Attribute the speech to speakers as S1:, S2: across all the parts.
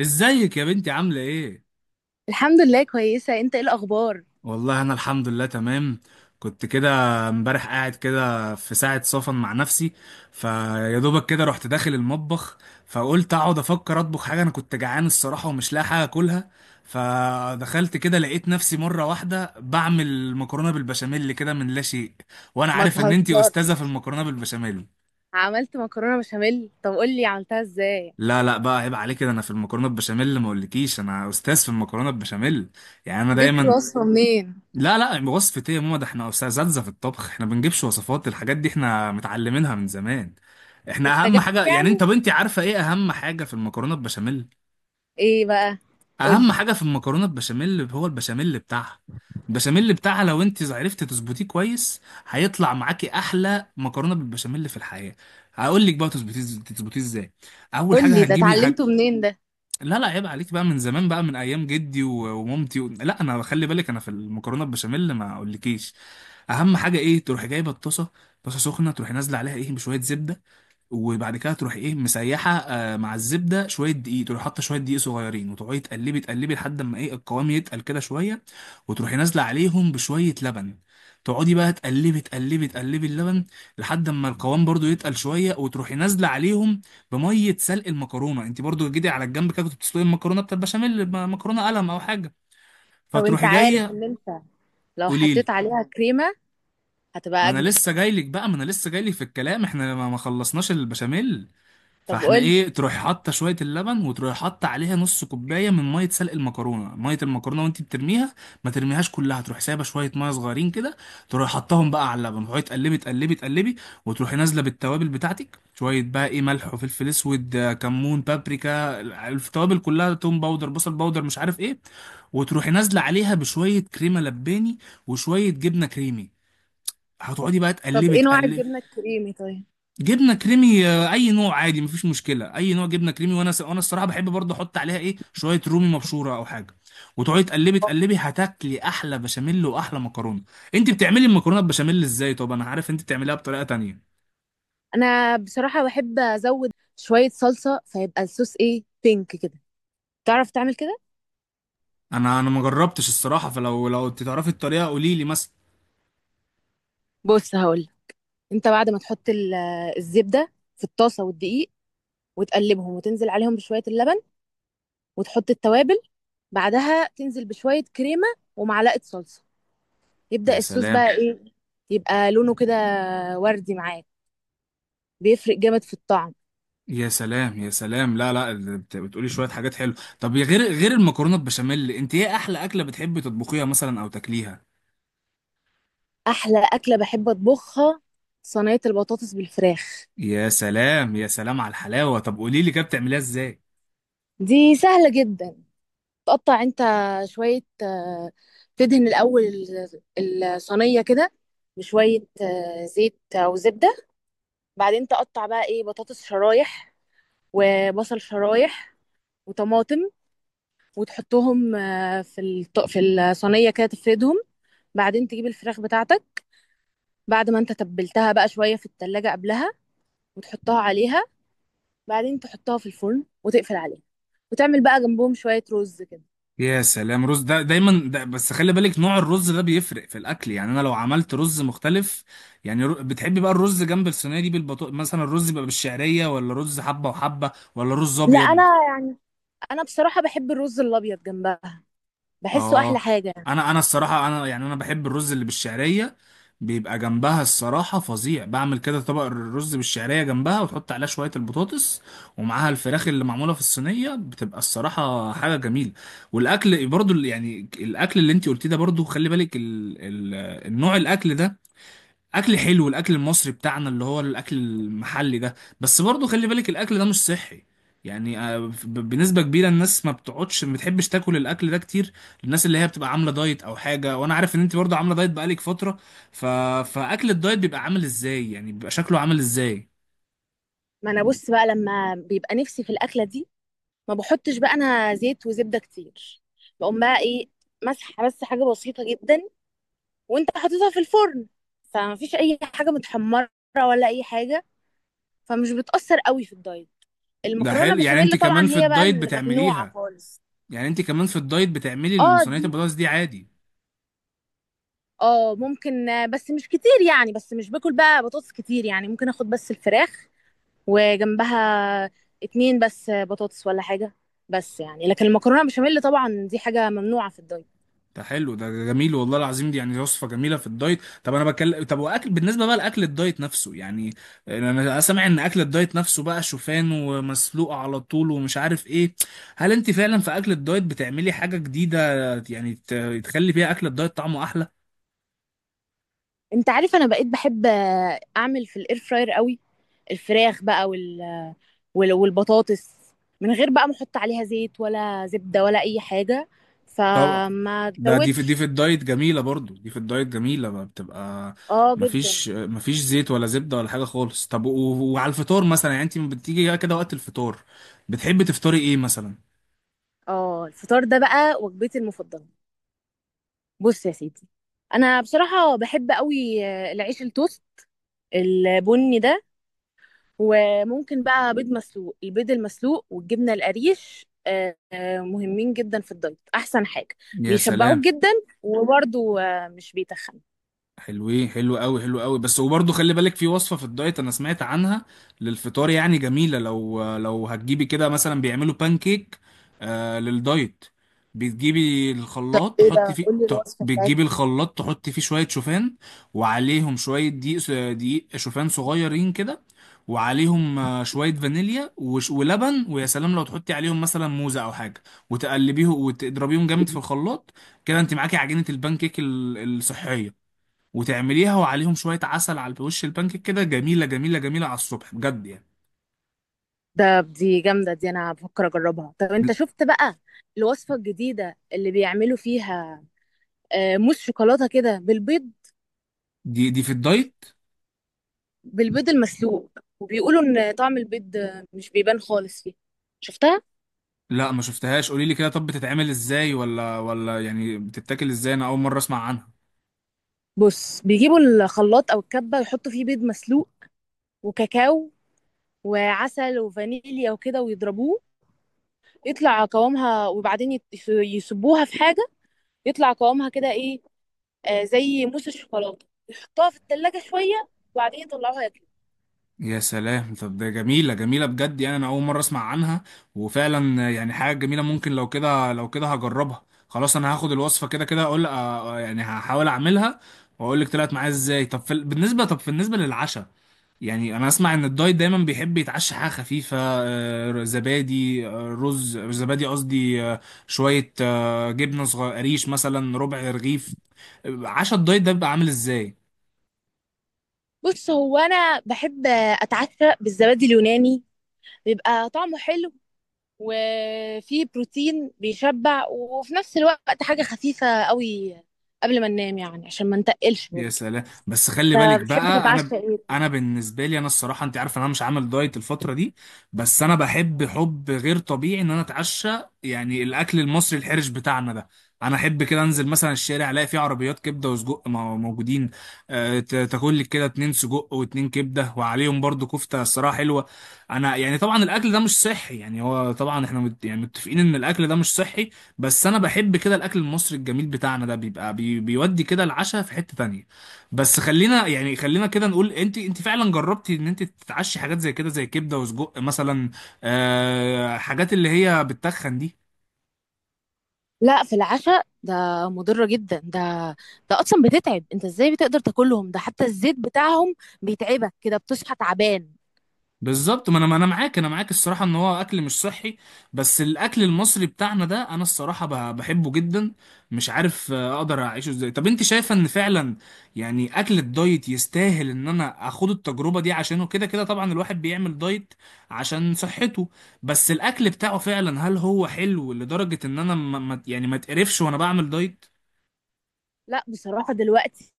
S1: ازيك يا بنتي عاملة ايه؟
S2: الحمد لله، كويسة. انت ايه الأخبار؟
S1: والله انا الحمد لله تمام. كنت كده امبارح قاعد كده في ساعة صفن مع نفسي، فيا دوبك كده رحت داخل المطبخ، فقلت اقعد افكر اطبخ حاجة، انا كنت جعان الصراحة ومش لاقي حاجة اكلها. فدخلت كده لقيت نفسي مرة واحدة بعمل مكرونة بالبشاميل كده من لا شيء، وانا
S2: ما
S1: عارف ان انتي
S2: تهزر.
S1: استاذة في المكرونة بالبشاميل.
S2: عملت مكرونة بشاميل؟ طب قولي عملتها ازاي؟
S1: لا لا بقى، عيب عليك كده، انا في المكرونه بالبشاميل ما اقولكيش، انا استاذ في المكرونه بالبشاميل. يعني انا
S2: جبت
S1: دايما.
S2: الوصفة منين؟
S1: لا لا، وصفة ايه يا ماما، ده احنا اساتذة في الطبخ، احنا بنجيبش وصفات الحاجات دي، احنا متعلمينها من زمان. احنا اهم
S2: اتجبت
S1: حاجة، يعني
S2: يعني؟
S1: انت بنتي عارفة ايه اهم حاجة في المكرونة البشاميل؟
S2: ايه بقى؟ قولي.
S1: اهم حاجة في المكرونة البشاميل هو البشاميل بتاعها. البشاميل بتاعها لو انت عرفتي تظبطيه كويس، هيطلع معاكي احلى مكرونة بالبشاميل في الحياة. هقول لك بقى تظبطيه. تظبطيه ازاي؟ اول حاجة
S2: قولي، ده
S1: هتجيبي.
S2: اتعلمته منين ده؟
S1: لا لا عيب عليك بقى، من زمان بقى، من ايام جدي ومامتي و... لا انا خلي بالك، انا في المكرونه البشاميل ما اقولكيش. اهم حاجه ايه؟ تروحي جايبه الطاسه، طاسه سخنه، تروحي نازله عليها ايه بشويه زبده، وبعد كده تروح ايه مسيحه آه مع الزبده شويه دقيق، تروح حاطه شويه دقيق صغيرين وتقعدي تقلبي تقلبي لحد ما ايه القوام يتقل كده شويه، وتروحي نازله عليهم بشويه لبن. تقعدي بقى تقلبي تقلبي تقلبي اللبن لحد ما القوام برضو يتقل شويه، وتروحي نازله عليهم بميه سلق المكرونه. انت برضو جيتي على الجنب كده كنت بتسلقي المكرونه بتاعت البشاميل، مكرونه قلم او حاجه،
S2: طب انت
S1: فتروحي
S2: عارف
S1: جايه.
S2: ان انت لو
S1: قولي لي.
S2: حطيت عليها كريمة هتبقى
S1: ما انا
S2: أجمل.
S1: لسه جاي لك بقى، ما انا لسه جاي لك في الكلام، احنا ما خلصناش البشاميل.
S2: طب
S1: فاحنا
S2: قولي.
S1: ايه تروح حاطه شويه اللبن، وتروح حاطه عليها نص كوبايه من ميه سلق المكرونه، ميه المكرونه وانت بترميها ما ترميهاش كلها، تروح سايبه شويه ميه صغيرين كده، تروح حطهم بقى على اللبن وتقعدي تقلبي تقلبي تقلبي، وتروحي نازله بالتوابل بتاعتك، شويه بقى ايه ملح وفلفل اسود، آه، كمون، بابريكا، التوابل كلها، توم باودر، بصل باودر، مش عارف ايه. وتروحي نازله عليها بشويه كريمه لباني وشويه جبنه كريمي، هتقعدي بقى
S2: طب
S1: تقلبي
S2: ايه نوع
S1: تقلبي.
S2: الجبنة الكريمي طيب؟
S1: جبنه كريمي آه، اي نوع عادي، مفيش مشكله، اي نوع جبنه كريمي. وانا الصراحه بحب برضه احط عليها ايه شويه رومي مبشوره او حاجه، وتقعدي تقلبي تقلبي هتاكلي احلى بشاميل واحلى مكرونه. انت بتعملي المكرونه بشاميل ازاي؟ طب انا عارف انت بتعمليها بطريقه تانية.
S2: أنا بصراحة بحب أزود شوية صلصة، فيبقى الصوص ايه؟ بينك كده. تعرف تعمل كده؟
S1: انا ما جربتش الصراحه، فلو انت تعرفي الطريقه قولي لي مثلا.
S2: بص هقولك. انت بعد ما تحط الزبدة في الطاسة والدقيق، وتقلبهم وتنزل عليهم بشوية اللبن، وتحط التوابل، بعدها تنزل بشوية كريمة ومعلقة صلصة، يبدأ
S1: يا
S2: الصوص
S1: سلام،
S2: بقى ايه، يبقى لونه كده وردي معاك. بيفرق جامد في الطعم.
S1: يا سلام. يا سلام، لا لا، بتقولي شويه حاجات حلوه. طب يا غير المكرونه بشاميل، انت ايه احلى اكله بتحبي تطبخيها مثلا او تاكليها؟
S2: أحلى أكلة بحب أطبخها صينية البطاطس بالفراخ.
S1: يا سلام، يا سلام على الحلاوه. طب قولي لي كده بتعمليها ازاي؟
S2: دي سهلة جدا. تقطع انت شوية، تدهن الأول الصينية كده بشوية زيت أو زبدة. بعدين تقطع بقى ايه بطاطس شرايح، وبصل شرايح، وطماطم، وتحطهم في الصينيه كده تفردهم. بعدين تجيب الفراخ بتاعتك بعد ما انت تبلتها بقى شويه في التلاجة قبلها، وتحطها عليها. بعدين تحطها في الفرن وتقفل عليها، وتعمل بقى جنبهم شويه رز كده.
S1: يا سلام. رز ده دايما ده، بس خلي بالك نوع الرز ده بيفرق في الاكل، يعني انا لو عملت رز مختلف، يعني بتحبي بقى الرز جنب الصينيه دي بالبطو مثلا، الرز بيبقى بالشعريه، ولا رز حبه وحبه، ولا رز
S2: لا، انا
S1: ابيض؟
S2: يعني انا بصراحه بحب الرز الابيض جنبها، بحسه احلى
S1: اه.
S2: حاجه.
S1: انا الصراحه انا يعني انا بحب الرز اللي بالشعريه، بيبقى جنبها الصراحه فظيع. بعمل كده طبق الرز بالشعريه جنبها، وتحط عليها شويه البطاطس ومعاها الفراخ اللي معموله في الصينيه، بتبقى الصراحه حاجه جميله. والاكل برضو يعني الاكل اللي انت قلتيه ده برضو خلي بالك ال ال النوع الاكل ده اكل حلو، الاكل المصري بتاعنا اللي هو الاكل المحلي ده، بس برضو خلي بالك الاكل ده مش صحي. يعني آه، بنسبة كبيرة الناس ما بتقعدش، ما بتحبش تاكل الاكل ده كتير، الناس اللي هي بتبقى عاملة دايت او حاجة، وانا عارف ان انت برضو عاملة دايت بقالك فترة. ف... فاكل الدايت بيبقى عامل ازاي؟ يعني بيبقى شكله عامل ازاي؟
S2: ما انا بص بقى، لما بيبقى نفسي في الاكله دي ما بحطش بقى انا زيت وزبده كتير. بقوم بقى ايه مسحه بس حاجه بسيطه جدا، وانت حاططها في الفرن، فمفيش اي حاجه متحمره ولا اي حاجه، فمش بتاثر قوي في الدايت.
S1: ده
S2: المكرونه
S1: حلو، يعني انت
S2: بشاميل
S1: كمان
S2: طبعا
S1: في
S2: هي بقى
S1: الدايت
S2: الممنوعه
S1: بتعمليها،
S2: خالص.
S1: يعني انت كمان في الدايت بتعملي
S2: اه، دي.
S1: المصنعات البطاطس دي عادي.
S2: اه ممكن، بس مش كتير يعني، بس مش باكل بقى بطاطس كتير يعني، ممكن اخد بس الفراخ، وجنبها اتنين بس بطاطس ولا حاجه، بس يعني. لكن المكرونه بشاميل طبعا دي حاجه ممنوعه في الدايت.
S1: ده حلو، ده جميل والله العظيم، دي يعني وصفة جميلة في الدايت. طب انا بكلم، طب واكل بالنسبة بقى لاكل الدايت نفسه يعني، انا سامع ان اكل الدايت نفسه بقى شوفان ومسلوق على طول ومش عارف ايه. هل انت فعلا في اكل الدايت بتعملي حاجة جديدة، يعني تخلي بيها اكل الدايت طعمه احلى؟
S2: انت عارف انا بقيت بحب اعمل في الاير فراير قوي الفراخ بقى، والبطاطس، من غير بقى ما احط عليها زيت ولا زبدة ولا اي حاجة،
S1: طبعا.
S2: فما
S1: ده دي في
S2: تزودش.
S1: دي في الدايت جميلة، برضو دي في الدايت جميلة بقى، بتبقى
S2: اه جدا.
S1: مفيش زيت ولا زبدة ولا حاجة خالص. طب وعلى الفطار مثلا، يعني انت بتيجي كده وقت الفطار بتحبي تفطري ايه مثلا؟
S2: اه، الفطار ده بقى وجبتي المفضلة. بص يا سيدي، انا بصراحة بحب قوي العيش التوست البني ده، وممكن بقى بيض مسلوق. البيض المسلوق والجبنة القريش مهمين جدا في الدايت، احسن حاجة.
S1: يا
S2: بيشبعوك
S1: سلام.
S2: جدا، وبرضو مش بيتخن.
S1: حلوين، حلو قوي، حلو قوي، بس وبرضه خلي بالك في وصفة في الدايت انا سمعت عنها للفطار، يعني جميلة. لو لو هتجيبي كده مثلا، بيعملوا بانكيك آه للدايت، بتجيبي الخلاط تحطي فيه، بتجيبي الخلاط تحطي فيه شوية شوفان، وعليهم شوية دقيق، دقيق شوفان صغيرين كده، وعليهم آه، شوية فانيليا ولبن، ويا سلام لو تحطي عليهم مثلا موزة أو حاجة، وتقلبيهم وتضربيهم جامد في الخلاط، كده أنت معاكي عجينة البانكيك الصحية، وتعمليها وعليهم شوية عسل على وش البانكيك، كده جميلة جميلة جميلة على الصبح بجد يعني.
S2: دي جامدة. دي أنا بفكر أجربها. طب أنت شفت بقى الوصفة الجديدة اللي بيعملوا فيها، موس شوكولاتة كده بالبيض،
S1: دي دي في الدايت.
S2: بالبيض المسلوق؟ وبيقولوا إن طعم البيض مش بيبان خالص فيه. شفتها؟
S1: لا ما شفتهاش، قولي لي كده طب بتتعمل ازاي، ولا يعني بتتاكل ازاي؟ انا اول مرة اسمع عنها.
S2: بص، بيجيبوا الخلاط أو الكبة يحطوا فيه بيض مسلوق، وكاكاو، وعسل وفانيليا وكده، ويضربوه يطلع قوامها. وبعدين يصبوها في حاجة، يطلع قوامها كده إيه، زي موس الشوكولاتة، يحطوها في التلاجة شوية، وبعدين يطلعوها.
S1: يا سلام، طب ده جميلة جميلة بجد يعني، أنا أول مرة أسمع عنها، وفعلا يعني حاجة جميلة ممكن. لو كده لو كده هجربها، خلاص أنا هاخد الوصفة كده كده، أقول آه، آه، يعني هحاول أعملها وأقول لك طلعت معايا إزاي. طب في بالنسبة، طب بالنسبة للعشاء، يعني أنا أسمع إن الدايت دايما بيحب يتعشى حاجة خفيفة، آه، زبادي، آه، رز، زبادي قصدي، آه، شوية آه، جبنة صغير قريش مثلا، ربع رغيف. عشاء الدايت ده بيبقى عامل إزاي؟
S2: بص، هو انا بحب اتعشى بالزبادي اليوناني. بيبقى طعمه حلو، وفيه بروتين بيشبع، وفي نفس الوقت حاجة خفيفة قوي قبل ما ننام يعني، عشان ما نتقلش
S1: يا
S2: برضه.
S1: سلام. بس خلي بالك
S2: بتحب
S1: بقى
S2: تتعشى
S1: انا،
S2: ايه؟
S1: انا بالنسبه لي انا الصراحه انت عارف ان انا مش عامل دايت الفتره دي، بس انا بحب حب غير طبيعي ان انا اتعشى، يعني الاكل المصري الحرش بتاعنا ده. انا احب كده انزل مثلا الشارع الاقي فيه عربيات كبده وسجق موجودين، آه، تاكل لك كده اتنين سجق واتنين كبده وعليهم برضو كفته الصراحه حلوه. انا يعني طبعا الاكل ده مش صحي، يعني هو طبعا احنا يعني متفقين ان الاكل ده مش صحي، بس انا بحب كده الاكل المصري الجميل بتاعنا ده، بيبقى بيودي كده العشاء في حته تانية. بس خلينا يعني خلينا كده نقول، انت فعلا جربتي ان انت تتعشي حاجات زي كده، زي كبده وسجق مثلا، آه، حاجات اللي هي بتتخن دي؟
S2: لا، في العشاء ده مضرة جدا. ده ده اصلا بتتعب. انت ازاي بتقدر تاكلهم؟ ده حتى الزيت بتاعهم بيتعبك كده، بتصحى تعبان.
S1: بالظبط، ما انا معاك، انا معاك الصراحه ان هو اكل مش صحي، بس الاكل المصري بتاعنا ده انا الصراحه بحبه جدا، مش عارف آه، اقدر اعيشه ازاي. طب انت شايفه ان فعلا يعني اكل الدايت يستاهل ان انا اخد التجربه دي عشانه؟ كده كده طبعا الواحد بيعمل دايت عشان صحته، بس الاكل بتاعه فعلا هل هو حلو لدرجه ان انا يعني ما اتقرفش وانا بعمل دايت؟
S2: لا بصراحة دلوقتي،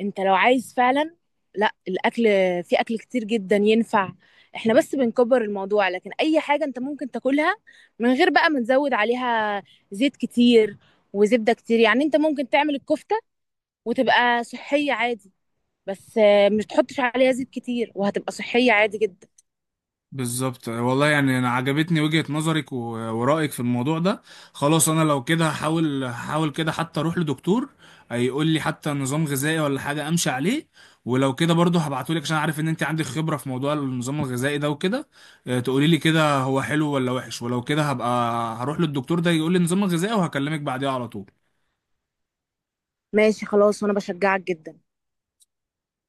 S2: انت لو عايز فعلا، لا، الاكل، في اكل كتير جدا ينفع. احنا بس بنكبر الموضوع، لكن اي حاجة انت ممكن تاكلها من غير بقى ما نزود عليها زيت كتير وزبدة كتير. يعني انت ممكن تعمل الكفتة وتبقى صحية عادي، بس مش تحطش عليها زيت كتير، وهتبقى صحية عادي جدا.
S1: بالظبط والله، يعني انا عجبتني وجهة نظرك ورأيك في الموضوع ده. خلاص انا لو كده هحاول، هحاول كده حتى اروح لدكتور هيقول لي حتى نظام غذائي ولا حاجة امشي عليه، ولو كده برضه هبعتهولك، عشان عارف ان انت عندك خبرة في موضوع النظام الغذائي ده وكده، آه، تقولي لي كده هو حلو ولا وحش، ولو كده هبقى هروح للدكتور ده يقول لي النظام الغذائي وهكلمك بعديها على طول.
S2: ماشي خلاص، وانا بشجعك جدا.